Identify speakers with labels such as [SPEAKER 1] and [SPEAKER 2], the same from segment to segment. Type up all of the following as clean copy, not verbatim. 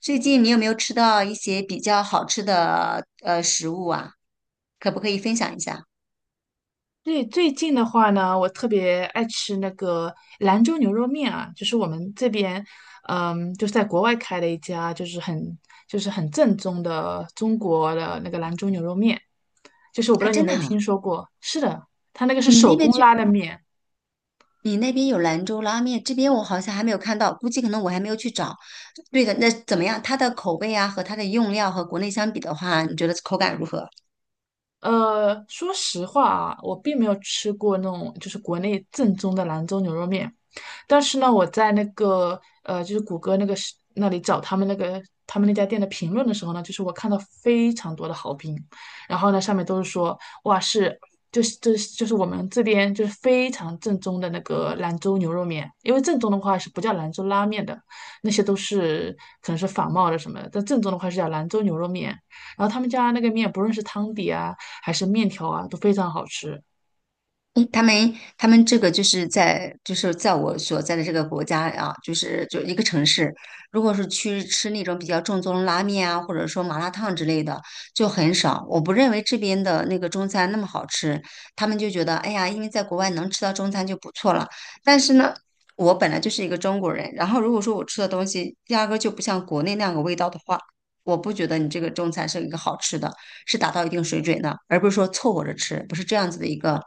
[SPEAKER 1] 最近你有没有吃到一些比较好吃的食物啊？可不可以分享一下？
[SPEAKER 2] 对，最近的话呢，我特别爱吃那个兰州牛肉面啊，就是我们这边，就是在国外开了一家，就是很正宗的中国的那个兰州牛肉面，就是我不
[SPEAKER 1] 啊，
[SPEAKER 2] 知道你
[SPEAKER 1] 真
[SPEAKER 2] 有没
[SPEAKER 1] 的
[SPEAKER 2] 有
[SPEAKER 1] 啊，
[SPEAKER 2] 听说过？是的，它那个是
[SPEAKER 1] 你
[SPEAKER 2] 手
[SPEAKER 1] 那边
[SPEAKER 2] 工
[SPEAKER 1] 去，
[SPEAKER 2] 拉的面。
[SPEAKER 1] 你那边有兰州拉面，这边我好像还没有看到，估计可能我还没有去找。对的，那怎么样？它的口味啊和它的用料和国内相比的话，你觉得口感如何？
[SPEAKER 2] 说实话啊，我并没有吃过那种就是国内正宗的兰州牛肉面，但是呢，我在那个就是谷歌那个是那里找他们那家店的评论的时候呢，就是我看到非常多的好评，然后呢，上面都是说哇是。就是我们这边就是非常正宗的那个兰州牛肉面，因为正宗的话是不叫兰州拉面的，那些都是可能是仿冒的什么的，但正宗的话是叫兰州牛肉面。然后他们家那个面，不论是汤底啊还是面条啊，都非常好吃。
[SPEAKER 1] 嗯，他们这个就是在我所在的这个国家啊，就是就一个城市，如果是去吃那种比较正宗的拉面啊，或者说麻辣烫之类的，就很少。我不认为这边的那个中餐那么好吃，他们就觉得哎呀，因为在国外能吃到中餐就不错了。但是呢，我本来就是一个中国人，然后如果说我吃的东西压根儿就不像国内那样个味道的话，我不觉得你这个中餐是一个好吃的。是达到一定水准的，而不是说凑合着吃，不是这样子的一个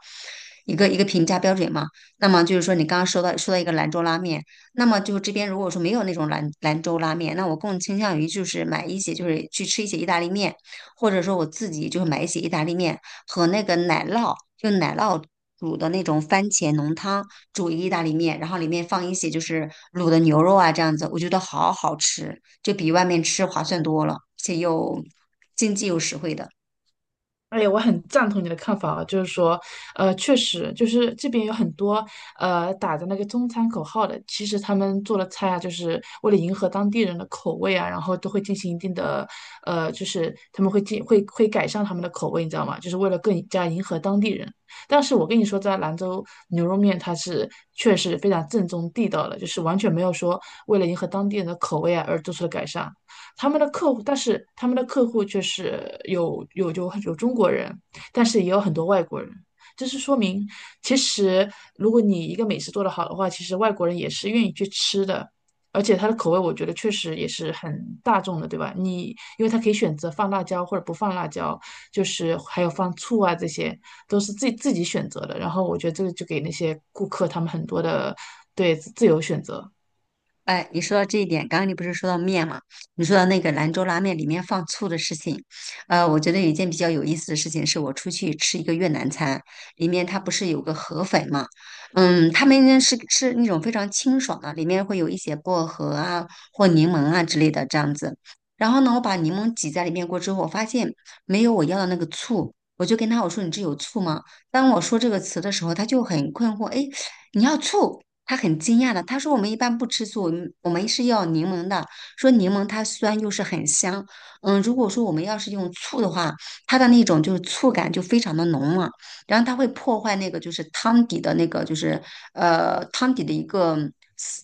[SPEAKER 1] 一个评价标准嘛？那么就是说，你刚刚说到一个兰州拉面，那么就这边如果说没有那种兰州拉面，那我更倾向于就是买一些就是去吃一些意大利面，或者说我自己就是买一些意大利面和那个奶酪，就奶酪。煮的那种番茄浓汤，煮一个意大利面，然后里面放一些就是卤的牛肉啊，这样子，我觉得好好吃，就比外面吃划算多了，而且又经济又实惠的。
[SPEAKER 2] 哎，我很赞同你的看法啊，就是说，确实，就是这边有很多打着那个中餐口号的，其实他们做的菜啊，就是为了迎合当地人的口味啊，然后都会进行一定的，就是他们会会改善他们的口味，你知道吗？就是为了更加迎合当地人。但是我跟你说，在兰州牛肉面它是确实非常正宗地道的，就是完全没有说为了迎合当地人的口味啊而做出的改善。他们的客户，但是他们的客户却是有中国人，但是也有很多外国人。这是说明，其实如果你一个美食做得好的话，其实外国人也是愿意去吃的，而且它的口味我觉得确实也是很大众的，对吧？因为它可以选择放辣椒或者不放辣椒，就是还有放醋啊，这些都是自己选择的。然后我觉得这个就给那些顾客他们很多的对自由选择。
[SPEAKER 1] 哎，你说到这一点，刚刚你不是说到面嘛？你说到那个兰州拉面里面放醋的事情，我觉得有一件比较有意思的事情，是我出去吃一个越南餐，里面它不是有个河粉嘛？嗯，他们是那种非常清爽的，里面会有一些薄荷啊或柠檬啊之类的这样子。然后呢，我把柠檬挤在里面过之后，我发现没有我要的那个醋，我就跟他我说你这有醋吗？当我说这个词的时候，他就很困惑，哎，你要醋？他很惊讶的，他说我们一般不吃醋，我们是要柠檬的。说柠檬它酸又是很香，嗯，如果说我们要是用醋的话，它的那种就是醋感就非常的浓嘛，然后它会破坏那个就是汤底的那个就是汤底的一个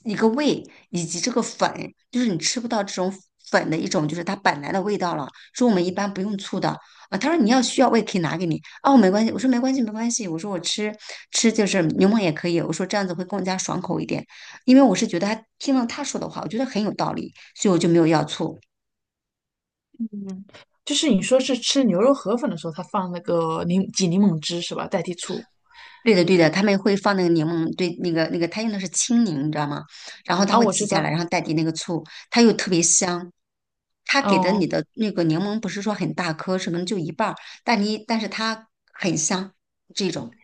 [SPEAKER 1] 一个味，以及这个粉，就是你吃不到这种粉的一种就是它本来的味道了。说我们一般不用醋的，啊，他说你要需要我也可以拿给你。哦，没关系，我说没关系，我说我吃就是柠檬也可以，我说这样子会更加爽口一点，因为我是觉得他听了他说的话，我觉得很有道理，所以我就没有要醋。
[SPEAKER 2] 嗯，就是你说是吃牛肉河粉的时候，它放那个挤柠檬汁是吧，代替醋。
[SPEAKER 1] 对的对的，他们会放那个柠檬，对那个他用的是青柠，你知道吗？然后他
[SPEAKER 2] 啊，
[SPEAKER 1] 会
[SPEAKER 2] 我
[SPEAKER 1] 挤
[SPEAKER 2] 知
[SPEAKER 1] 下来，
[SPEAKER 2] 道。
[SPEAKER 1] 然后代替那个醋，它又特别香。他给的你
[SPEAKER 2] 哦，
[SPEAKER 1] 的那个柠檬不是说很大颗，什么就一半儿，但但是它很香这种。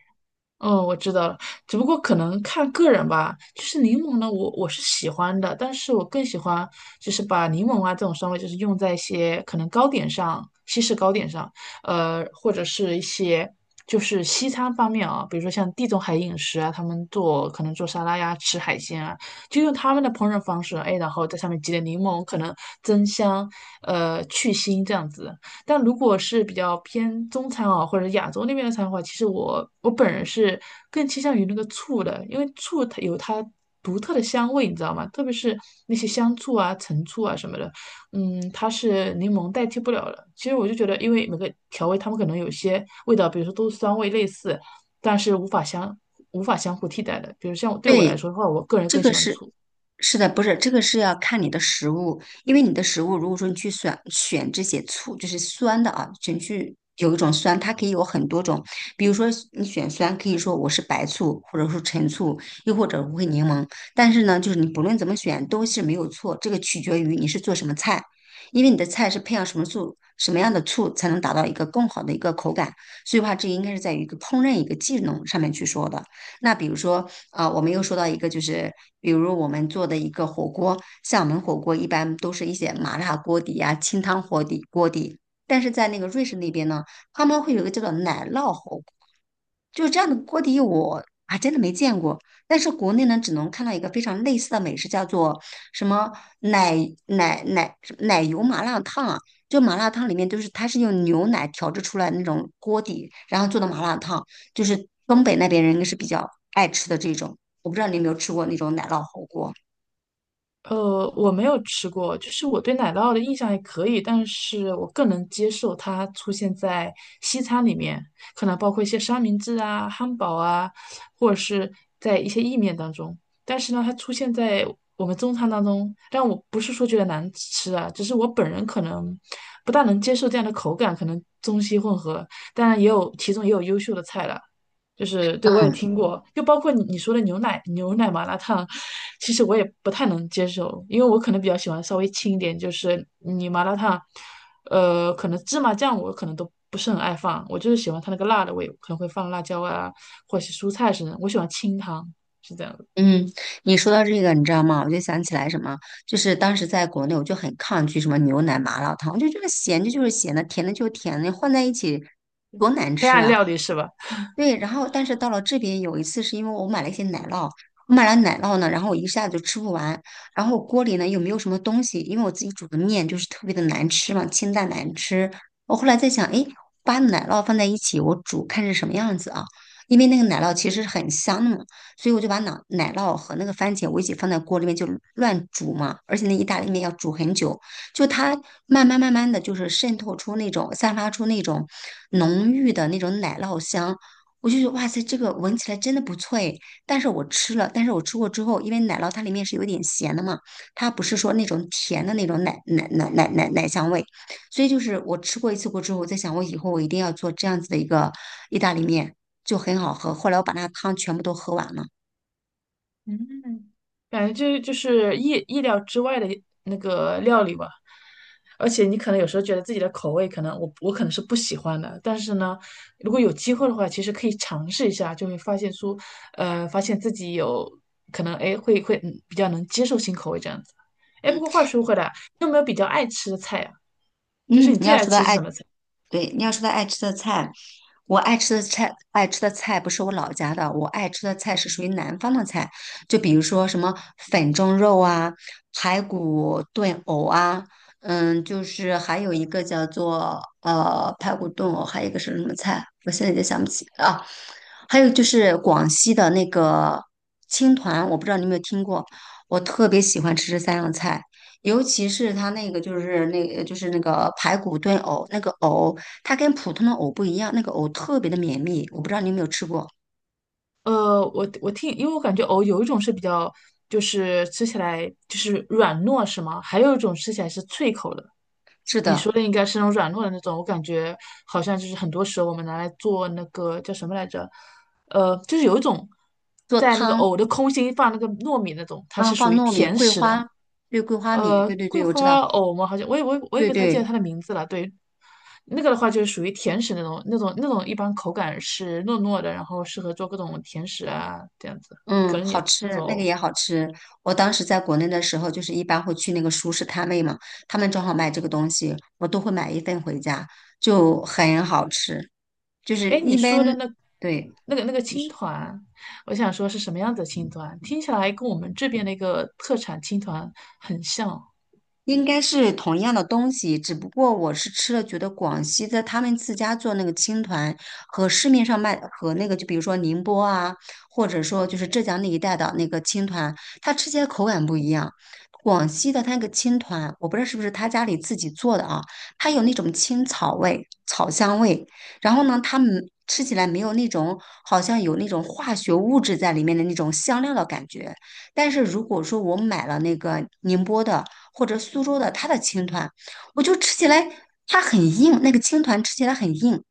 [SPEAKER 2] 哦，我知道了。只不过可能看个人吧。就是柠檬呢，我是喜欢的，但是我更喜欢就是把柠檬啊这种酸味，就是用在一些可能糕点上，西式糕点上，或者是一些就是西餐方面啊，比如说像地中海饮食啊，他们做可能做沙拉呀，吃海鲜啊，就用他们的烹饪方式，哎，然后在上面挤点柠檬，可能增香，去腥这样子。但如果是比较偏中餐啊，或者亚洲那边的餐的话，其实我本人是更倾向于那个醋的，因为醋它有它独特的香味，你知道吗？特别是那些香醋啊、陈醋啊什么的，它是柠檬代替不了的。其实我就觉得，因为每个调味它们可能有些味道，比如说都是酸味类似，但是无法相互替代的。比如像对我来
[SPEAKER 1] 对，
[SPEAKER 2] 说的话，我个人
[SPEAKER 1] 这
[SPEAKER 2] 更
[SPEAKER 1] 个
[SPEAKER 2] 喜欢
[SPEAKER 1] 是
[SPEAKER 2] 醋。
[SPEAKER 1] 是的，不是这个是要看你的食物，因为你的食物如果说你去选这些醋，就是酸的啊，选去有一种酸，它可以有很多种，比如说你选酸，可以说我是白醋，或者说陈醋，又或者无味柠檬，但是呢，就是你不论怎么选都是没有错，这个取决于你是做什么菜，因为你的菜是配上什么醋，什么样的醋才能达到一个更好的一个口感，所以话这应该是在于一个烹饪一个技能上面去说的。那比如说，啊，我们又说到一个，就是比如我们做的一个火锅，像我们火锅一般都是一些麻辣锅底呀、清汤火底锅底，但是在那个瑞士那边呢，他们会有一个叫做奶酪火锅，就是这样的锅底我还真的没见过。但是国内呢，只能看到一个非常类似的美食，叫做什么奶奶油麻辣烫啊，就麻辣烫里面就是它是用牛奶调制出来的那种锅底，然后做的麻辣烫，就是东北那边人应该是比较爱吃的这种。我不知道你有没有吃过那种奶酪火锅。
[SPEAKER 2] 我没有吃过，就是我对奶酪的印象还可以，但是我更能接受它出现在西餐里面，可能包括一些三明治啊、汉堡啊，或者是在一些意面当中。但是呢，它出现在我们中餐当中，但我不是说觉得难吃啊，只是我本人可能不大能接受这样的口感，可能中西混合。当然，也有其中也有优秀的菜了，就是对我也
[SPEAKER 1] 嗯
[SPEAKER 2] 听过，就包括你说的牛奶麻辣烫，其实我也不太能接受，因为我可能比较喜欢稍微轻一点，就是你麻辣烫，可能芝麻酱我可能都不是很爱放，我就是喜欢它那个辣的味，可能会放辣椒啊，或者是蔬菜什么的，我喜欢清汤，是这样的。
[SPEAKER 1] 嗯，你说到这个，你知道吗？我就想起来什么，就是当时在国内，我就很抗拒什么牛奶麻辣烫，我就觉得咸的就是咸的，甜的就是甜的，混在一起多难
[SPEAKER 2] 黑
[SPEAKER 1] 吃
[SPEAKER 2] 暗
[SPEAKER 1] 啊！
[SPEAKER 2] 料理是吧？
[SPEAKER 1] 对，然后但是到了这边有一次是因为我买了一些奶酪，我买了奶酪呢，然后我一下子就吃不完，然后锅里呢又没有什么东西，因为我自己煮的面就是特别的难吃嘛，清淡难吃。我后来在想，诶，把奶酪放在一起，我煮看是什么样子啊？因为那个奶酪其实是很香的嘛，所以我就把奶酪和那个番茄我一起放在锅里面就乱煮嘛，而且那意大利面要煮很久，就它慢慢的就是渗透出那种散发出那种浓郁的那种奶酪香。我就觉得哇塞，这个闻起来真的不错诶。但是我吃了，但是我吃过之后，因为奶酪它里面是有点咸的嘛，它不是说那种甜的那种奶香味，所以就是我吃过一次过之后，我在想我以后我一定要做这样子的一个意大利面，就很好喝。后来我把那个汤全部都喝完了。
[SPEAKER 2] 嗯，感觉这就是意料之外的那个料理吧，而且你可能有时候觉得自己的口味可能我可能是不喜欢的，但是呢，如果有机会的话，其实可以尝试一下，就会发现出，发现自己有可能哎会比较能接受新口味这样子。哎，不
[SPEAKER 1] 嗯
[SPEAKER 2] 过话说回来啊，你有没有比较爱吃的菜啊？就是
[SPEAKER 1] 嗯，
[SPEAKER 2] 你
[SPEAKER 1] 你
[SPEAKER 2] 最
[SPEAKER 1] 要
[SPEAKER 2] 爱
[SPEAKER 1] 说到
[SPEAKER 2] 吃是
[SPEAKER 1] 爱。
[SPEAKER 2] 什么菜？
[SPEAKER 1] 对，你要说他爱吃的菜，我爱吃的菜，爱吃的菜不是我老家的，我爱吃的菜是属于南方的菜，就比如说什么粉蒸肉啊、排骨炖藕啊，嗯，就是还有一个叫做排骨炖藕，还有一个是什么菜，我现在也想不起啊，还有就是广西的那个青团，我不知道你有没有听过，我特别喜欢吃这三样菜，尤其是它那个就是那个排骨炖藕，那个藕它跟普通的藕不一样，那个藕特别的绵密，我不知道你有没有吃过。
[SPEAKER 2] 我听，因为我感觉藕有一种是比较，就是吃起来就是软糯，是吗？还有一种吃起来是脆口的。
[SPEAKER 1] 是
[SPEAKER 2] 你
[SPEAKER 1] 的，
[SPEAKER 2] 说的应该是那种软糯的那种，我感觉好像就是很多时候我们拿来做那个叫什么来着？就是有一种
[SPEAKER 1] 做
[SPEAKER 2] 在那个
[SPEAKER 1] 汤，
[SPEAKER 2] 藕的空心放那个糯米那种，它
[SPEAKER 1] 然后
[SPEAKER 2] 是属
[SPEAKER 1] 放
[SPEAKER 2] 于
[SPEAKER 1] 糯米、
[SPEAKER 2] 甜
[SPEAKER 1] 桂
[SPEAKER 2] 食的。
[SPEAKER 1] 花，对，桂花米，对对
[SPEAKER 2] 桂
[SPEAKER 1] 对，我知道，
[SPEAKER 2] 花藕吗？好像我也
[SPEAKER 1] 对
[SPEAKER 2] 不太记得
[SPEAKER 1] 对，
[SPEAKER 2] 它的名字了。对，那个的话就是属于甜食那种，那种一般口感是糯糯的，然后适合做各种甜食啊这样子
[SPEAKER 1] 嗯，好
[SPEAKER 2] 那
[SPEAKER 1] 吃，
[SPEAKER 2] 种
[SPEAKER 1] 那个
[SPEAKER 2] 藕。
[SPEAKER 1] 也好吃。我当时在国内的时候，就是一般会去那个熟食摊位嘛，他们正好卖这个东西，我都会买一份回家，就很好吃。就是
[SPEAKER 2] 哎，你
[SPEAKER 1] 一
[SPEAKER 2] 说的
[SPEAKER 1] 般，
[SPEAKER 2] 那
[SPEAKER 1] 对，
[SPEAKER 2] 那个那个青团，我想说是什么样子的青团？听起来跟我们这边的一个特产青团很像。
[SPEAKER 1] 应该是同样的东西，只不过我是吃了，觉得广西的他们自家做那个青团和市面上卖和那个，就比如说宁波啊，或者说就是浙江那一带的那个青团，它吃起来口感不一样。广西的它那个青团，我不知道是不是他家里自己做的啊，它有那种青草味、草香味，然后呢，它们吃起来没有那种好像有那种化学物质在里面的那种香料的感觉。但是如果说我买了那个宁波的，或者苏州的它的青团，我就吃起来它很硬，那个青团吃起来很硬。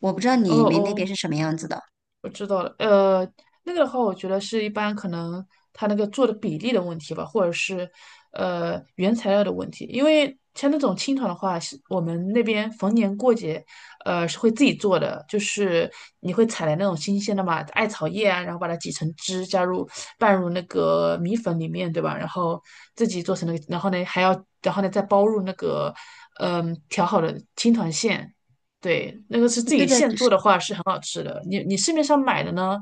[SPEAKER 1] 我不知道
[SPEAKER 2] 哦
[SPEAKER 1] 你们那边
[SPEAKER 2] 哦，
[SPEAKER 1] 是什么样子的。
[SPEAKER 2] 我知道了，那个的话，我觉得是一般可能它那个做的比例的问题吧，或者是原材料的问题。因为像那种青团的话，是我们那边逢年过节，是会自己做的，就是你会采来那种新鲜的嘛，艾草叶啊，然后把它挤成汁，拌入那个米粉里面，对吧？然后自己做成那个，然后呢还要，然后呢再包入那个调好的青团馅。对，那个是自
[SPEAKER 1] 对
[SPEAKER 2] 己
[SPEAKER 1] 的，
[SPEAKER 2] 现
[SPEAKER 1] 就
[SPEAKER 2] 做
[SPEAKER 1] 是
[SPEAKER 2] 的话是很好吃的。你市面上买的呢，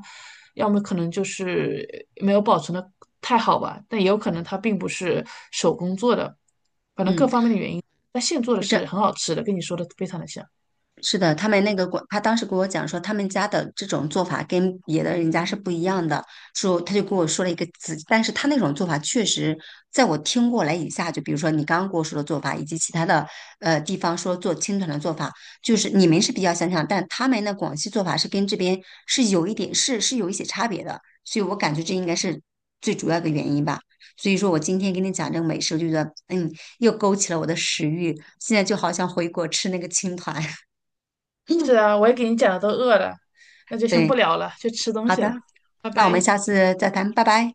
[SPEAKER 2] 要么可能就是没有保存的太好吧，但也有可能它并不是手工做的，
[SPEAKER 1] 嗯，
[SPEAKER 2] 那现做的
[SPEAKER 1] 就这
[SPEAKER 2] 是很好吃的，跟你说的非常的像。
[SPEAKER 1] 是的，他们那个广，他当时跟我讲说，他们家的这种做法跟别的人家是不一样的。说他就跟我说了一个词，但是他那种做法确实，在我听过来以下，就比如说你刚刚跟我说的做法，以及其他的地方说做青团的做法，就是你们是比较相像，但他们的广西做法是跟这边是有一点有一些差别的，所以我感觉这应该是最主要的原因吧。所以说我今天跟你讲这个美食，我就觉得嗯，又勾起了我的食欲，现在就好像回国吃那个青团。
[SPEAKER 2] 是啊，我也给你讲的都饿了，那就先
[SPEAKER 1] 对，
[SPEAKER 2] 不聊了，去吃东
[SPEAKER 1] 好
[SPEAKER 2] 西
[SPEAKER 1] 的，
[SPEAKER 2] 了，拜
[SPEAKER 1] 那我们
[SPEAKER 2] 拜。
[SPEAKER 1] 下次再谈，拜拜。